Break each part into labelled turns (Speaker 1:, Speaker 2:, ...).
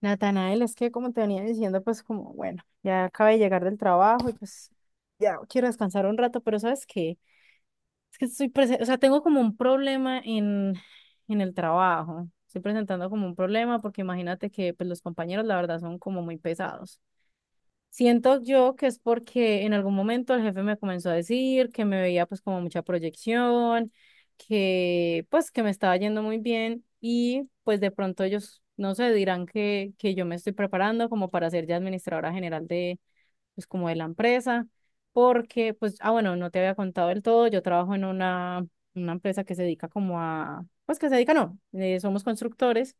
Speaker 1: Natanael, es que como te venía diciendo, pues como, bueno, ya acabé de llegar del trabajo y pues ya quiero descansar un rato, pero ¿sabes qué? Es que o sea, tengo como un problema en el trabajo. Estoy presentando como un problema porque imagínate que pues los compañeros la verdad son como muy pesados. Siento yo que es porque en algún momento el jefe me comenzó a decir que me veía pues como mucha proyección, que pues que me estaba yendo muy bien y pues de pronto ellos, no sé, dirán que yo me estoy preparando como para ser ya administradora general de pues como de la empresa, porque pues, ah bueno, no te había contado del todo, yo trabajo en una empresa que se dedica como a, pues que se dedica, no, somos constructores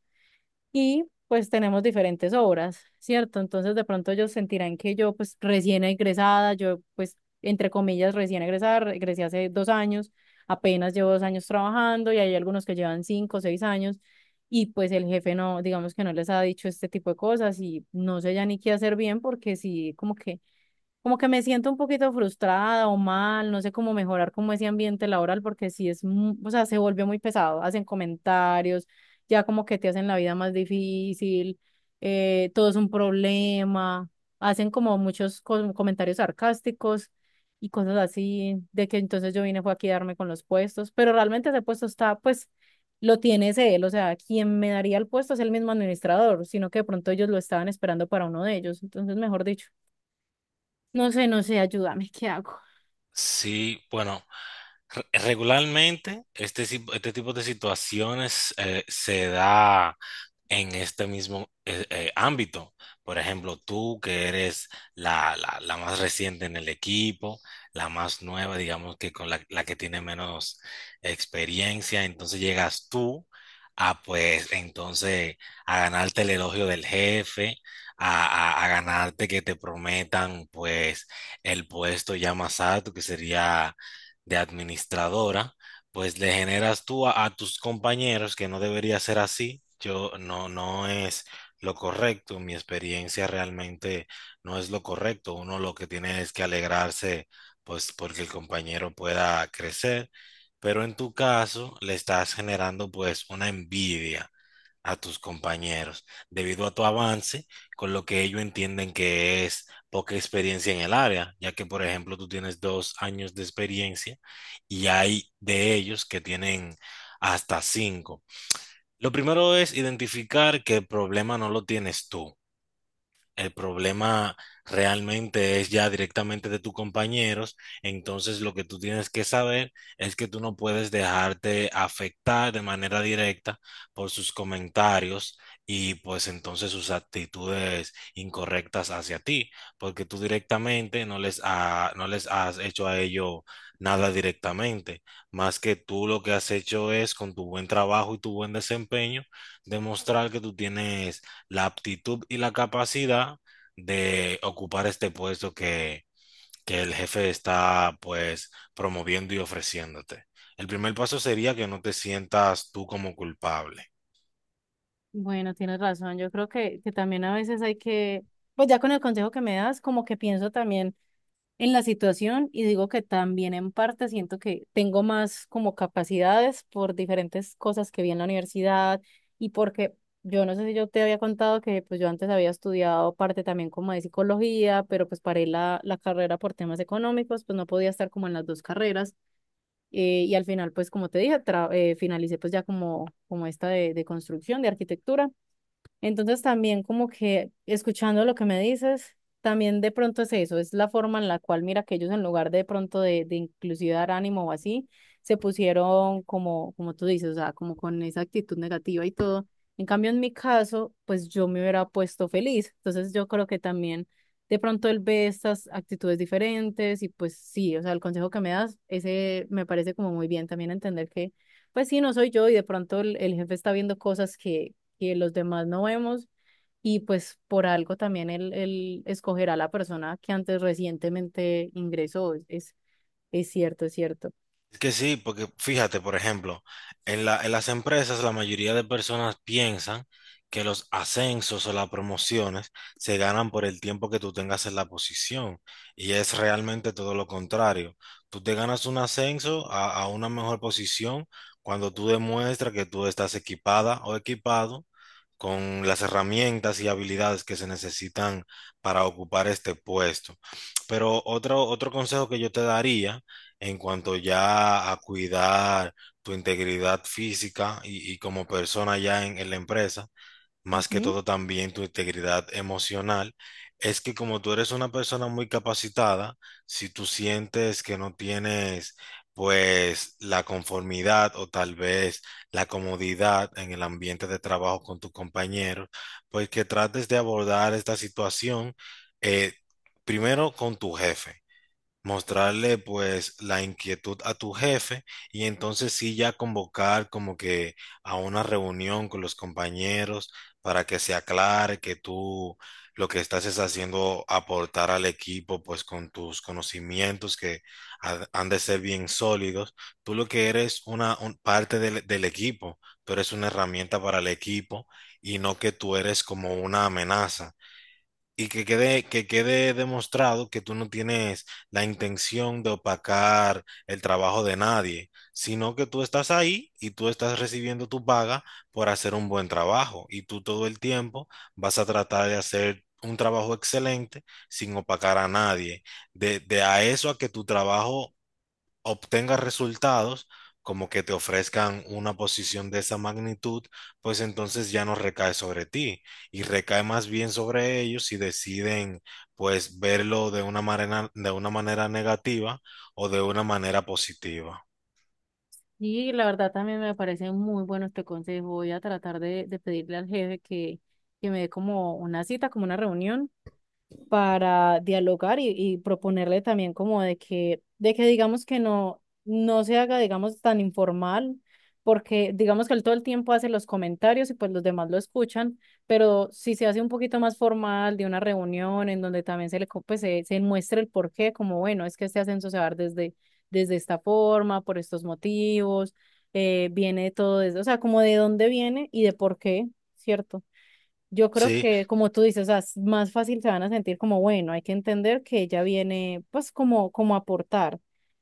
Speaker 1: y pues tenemos diferentes obras, ¿cierto? Entonces de pronto ellos sentirán que yo pues recién egresada, yo pues entre comillas recién egresada, egresé hace 2 años, apenas llevo 2 años trabajando y hay algunos que llevan 5 o 6 años y pues el jefe no, digamos que no les ha dicho este tipo de cosas y no sé ya ni qué hacer bien porque sí, como que me siento un poquito frustrada o mal, no sé cómo mejorar como ese ambiente laboral porque sí es, o sea, se vuelve muy pesado, hacen comentarios, ya como que te hacen la vida más difícil, todo es un problema, hacen como muchos comentarios sarcásticos y cosas así, de que entonces yo vine fue a quedarme con los puestos, pero realmente ese puesto está, pues, lo tiene es él, o sea, quien me daría el puesto es el mismo administrador, sino que de pronto ellos lo estaban esperando para uno de ellos, entonces, mejor dicho. No sé, no sé, ayúdame, ¿qué hago?
Speaker 2: Sí, bueno, regularmente este tipo de situaciones se da en este mismo ámbito. Por ejemplo, tú que eres la más reciente en el equipo, la más nueva, digamos que con la que tiene menos experiencia, entonces llegas tú a pues entonces a ganarte el elogio del jefe, a, a ganarte que te prometan pues el puesto ya más alto que sería de administradora, pues le generas tú a tus compañeros que no debería ser así. Yo no, no es lo correcto. Mi experiencia realmente no es lo correcto. Uno lo que tiene es que alegrarse, pues porque el compañero pueda crecer. Pero en tu caso le estás generando pues una envidia a tus compañeros debido a tu avance, con lo que ellos entienden que es poca experiencia en el área, ya que por ejemplo tú tienes 2 años de experiencia y hay de ellos que tienen hasta 5. Lo primero es identificar que el problema no lo tienes tú, el problema realmente es ya directamente de tus compañeros. Entonces lo que tú tienes que saber es que tú no puedes dejarte afectar de manera directa por sus comentarios y pues entonces sus actitudes incorrectas hacia ti, porque tú directamente no les, no les has hecho a ellos nada directamente, más que tú lo que has hecho es con tu buen trabajo y tu buen desempeño demostrar que tú tienes la aptitud y la capacidad de ocupar este puesto que el jefe está pues promoviendo y ofreciéndote. El primer paso sería que no te sientas tú como culpable.
Speaker 1: Bueno, tienes razón, yo creo que también a veces hay que, pues ya con el consejo que me das, como que pienso también en la situación y digo que también en parte siento que tengo más como capacidades por diferentes cosas que vi en la universidad y porque yo no sé si yo te había contado que pues yo antes había estudiado parte también como de psicología, pero pues paré la carrera por temas económicos, pues no podía estar como en las dos carreras. Y al final, pues como te dije, finalicé pues ya como esta de construcción, de arquitectura. Entonces también como que escuchando lo que me dices, también de pronto es eso, es la forma en la cual mira que ellos en lugar de pronto de inclusive dar ánimo o así, se pusieron como tú dices, o sea, como con esa actitud negativa y todo. En cambio, en mi caso, pues yo me hubiera puesto feliz. Entonces yo creo que también de pronto él ve estas actitudes diferentes y pues sí, o sea, el consejo que me das, ese me parece como muy bien también entender que pues sí, no soy yo y de pronto el jefe está viendo cosas que los demás no vemos y pues por algo también él escogerá a la persona que antes recientemente ingresó. Es cierto, es cierto.
Speaker 2: Es que sí, porque fíjate, por ejemplo, en las empresas la mayoría de personas piensan que los ascensos o las promociones se ganan por el tiempo que tú tengas en la posición, y es realmente todo lo contrario. Tú te ganas un ascenso a una mejor posición cuando tú demuestras que tú estás equipada o equipado con las herramientas y habilidades que se necesitan para ocupar este puesto. Pero otro consejo que yo te daría en cuanto ya a cuidar tu integridad física y como persona ya en la empresa, más que
Speaker 1: Ujú.
Speaker 2: todo también tu integridad emocional, es que como tú eres una persona muy capacitada, si tú sientes que no tienes pues la conformidad o tal vez la comodidad en el ambiente de trabajo con tus compañeros, pues que trates de abordar esta situación eh, primero con tu jefe, mostrarle pues la inquietud a tu jefe, y entonces sí ya convocar como que a una reunión con los compañeros para que se aclare que tú lo que estás es haciendo aportar al equipo pues con tus conocimientos que han de ser bien sólidos. Tú lo que eres una parte del equipo, tú eres una herramienta para el equipo y no que tú eres como una amenaza. Y que que quede demostrado que tú no tienes la intención de opacar el trabajo de nadie, sino que tú estás ahí y tú estás recibiendo tu paga por hacer un buen trabajo. Y tú todo el tiempo vas a tratar de hacer un trabajo excelente sin opacar a nadie. De a eso a que tu trabajo obtengas resultados, como que te ofrezcan una posición de esa magnitud, pues entonces ya no recae sobre ti y recae más bien sobre ellos, y deciden pues verlo de una manera negativa o de una manera positiva.
Speaker 1: Y la verdad también me parece muy bueno este consejo. Voy a tratar de pedirle al jefe que me dé como una cita, como una reunión para dialogar y proponerle también como de que digamos que no, no se haga, digamos, tan informal, porque digamos que él todo el tiempo hace los comentarios y pues los demás lo escuchan, pero si se hace un poquito más formal de una reunión en donde también pues, se muestra el porqué, como bueno, es que este ascenso se va a dar desde esta forma, por estos motivos, viene todo desde, o sea, como de dónde viene y de por qué, ¿cierto? Yo creo
Speaker 2: Sí,
Speaker 1: que, como tú dices, o sea, es más fácil se van a sentir como, bueno, hay que entender que ella viene, pues, como a aportar.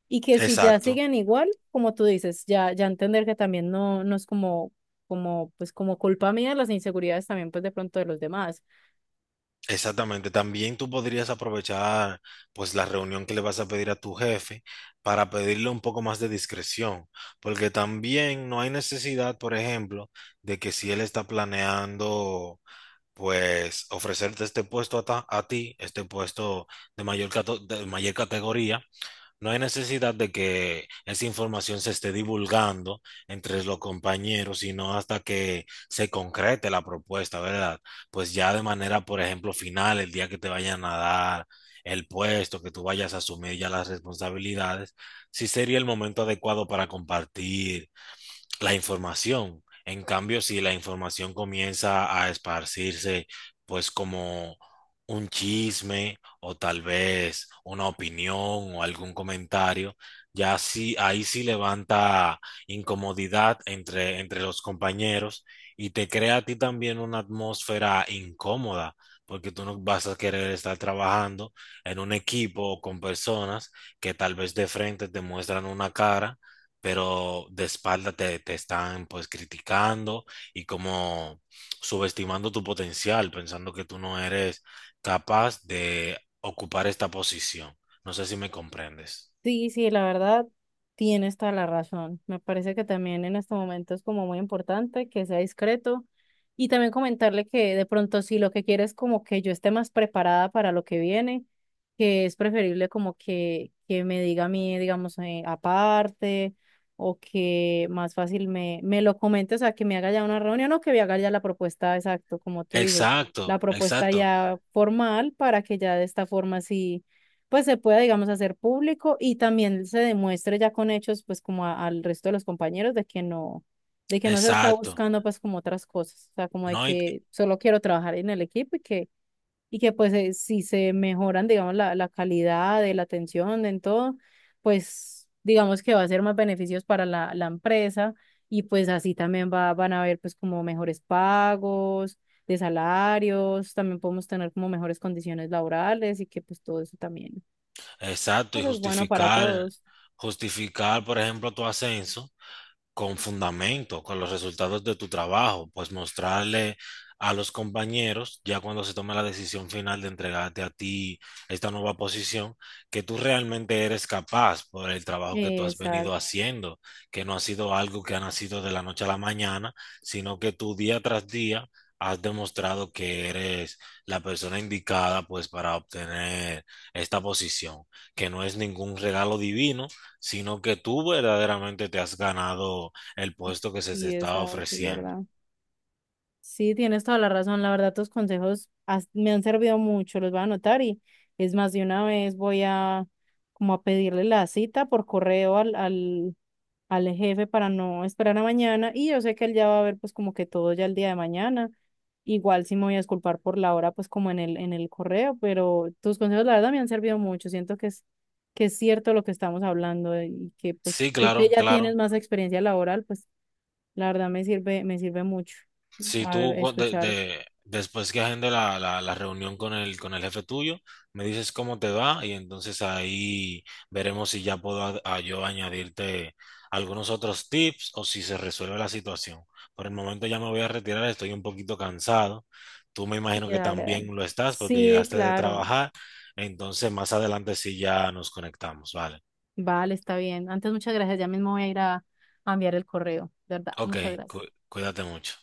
Speaker 1: Y que si ya
Speaker 2: exacto.
Speaker 1: siguen igual, como tú dices, ya, ya entender que también no, no es como, como, pues, como culpa mía las inseguridades también, pues, de pronto de los demás.
Speaker 2: Exactamente, también tú podrías aprovechar pues la reunión que le vas a pedir a tu jefe para pedirle un poco más de discreción, porque también no hay necesidad, por ejemplo, de que si él está planeando pues ofrecerte este puesto a ti, este puesto de de mayor categoría. No hay necesidad de que esa información se esté divulgando entre los compañeros, sino hasta que se concrete la propuesta, ¿verdad? Pues ya de manera, por ejemplo, final, el día que te vayan a dar el puesto, que tú vayas a asumir ya las responsabilidades, sí sería el momento adecuado para compartir la información. En cambio, si la información comienza a esparcirse, pues como un chisme o tal vez una opinión o algún comentario, ya sí, ahí sí levanta incomodidad entre los compañeros, y te crea a ti también una atmósfera incómoda, porque tú no vas a querer estar trabajando en un equipo o con personas que tal vez de frente te muestran una cara pero de espalda te están pues criticando y como subestimando tu potencial, pensando que tú no eres capaz de ocupar esta posición. No sé si me comprendes.
Speaker 1: Sí, sí, la verdad, tienes toda la razón. Me parece que también en este momento es como muy importante que sea discreto y también comentarle que de pronto si lo que quiere es como que yo esté más preparada para lo que viene, que es preferible como que, me diga a mí, digamos, aparte o que más fácil me lo comente, o sea, que me haga ya una reunión o que me haga ya la propuesta, exacto, como tú dices, la
Speaker 2: Exacto,
Speaker 1: propuesta
Speaker 2: exacto,
Speaker 1: ya formal para que ya de esta forma sí pues se pueda, digamos, hacer público y también se demuestre ya con hechos, pues como al resto de los compañeros de que no se está
Speaker 2: exacto.
Speaker 1: buscando pues como otras cosas, o sea, como de
Speaker 2: No, y,
Speaker 1: que solo quiero trabajar en el equipo y que pues si se mejoran, digamos, la calidad de la atención en todo, pues digamos que va a ser más beneficios para la empresa y pues así también van a haber pues como mejores pagos. De salarios, también podemos tener como mejores condiciones laborales y que pues todo eso también
Speaker 2: exacto,
Speaker 1: pues
Speaker 2: y
Speaker 1: es bueno para
Speaker 2: justificar,
Speaker 1: todos.
Speaker 2: justificar, por ejemplo, tu ascenso con fundamento, con los resultados de tu trabajo, pues mostrarle a los compañeros, ya cuando se tome la decisión final de entregarte a ti esta nueva posición, que tú realmente eres capaz por el trabajo que tú has
Speaker 1: Exacto,
Speaker 2: venido haciendo, que no ha sido algo que ha nacido de la noche a la mañana, sino que tú día tras día has demostrado que eres la persona indicada pues para obtener esta posición, que no es ningún regalo divino, sino que tú verdaderamente te has ganado el puesto que se te
Speaker 1: sí,
Speaker 2: estaba
Speaker 1: exacto, es
Speaker 2: ofreciendo.
Speaker 1: verdad. Sí, tienes toda la razón. La verdad, tus consejos me han servido mucho, los voy a anotar y es más, de una vez voy a como a pedirle la cita por correo al jefe para no esperar a mañana y yo sé que él ya va a ver pues como que todo ya el día de mañana. Igual sí me voy a disculpar por la hora pues como en el correo, pero tus consejos la verdad me han servido mucho. Siento que que es cierto lo que estamos hablando, y que pues
Speaker 2: Sí,
Speaker 1: tú
Speaker 2: claro,
Speaker 1: que ya tienes
Speaker 2: claro.
Speaker 1: más experiencia laboral, pues la verdad me sirve mucho.
Speaker 2: Si
Speaker 1: A ver,
Speaker 2: tú
Speaker 1: escucharte.
Speaker 2: después que agende la reunión con el jefe tuyo, me dices cómo te va, y entonces ahí veremos si ya puedo a yo añadirte algunos otros tips, o si se resuelve la situación. Por el momento ya me voy a retirar, estoy un poquito cansado. Tú me imagino
Speaker 1: Sí,
Speaker 2: que
Speaker 1: dale, dale.
Speaker 2: también lo estás porque
Speaker 1: Sí,
Speaker 2: llegaste de
Speaker 1: claro.
Speaker 2: trabajar. Entonces más adelante sí ya nos conectamos, ¿vale?
Speaker 1: Vale, está bien. Antes muchas gracias. Ya mismo voy a ir a enviar el correo. De verdad,
Speaker 2: Ok,
Speaker 1: muchas gracias.
Speaker 2: cuídate mucho.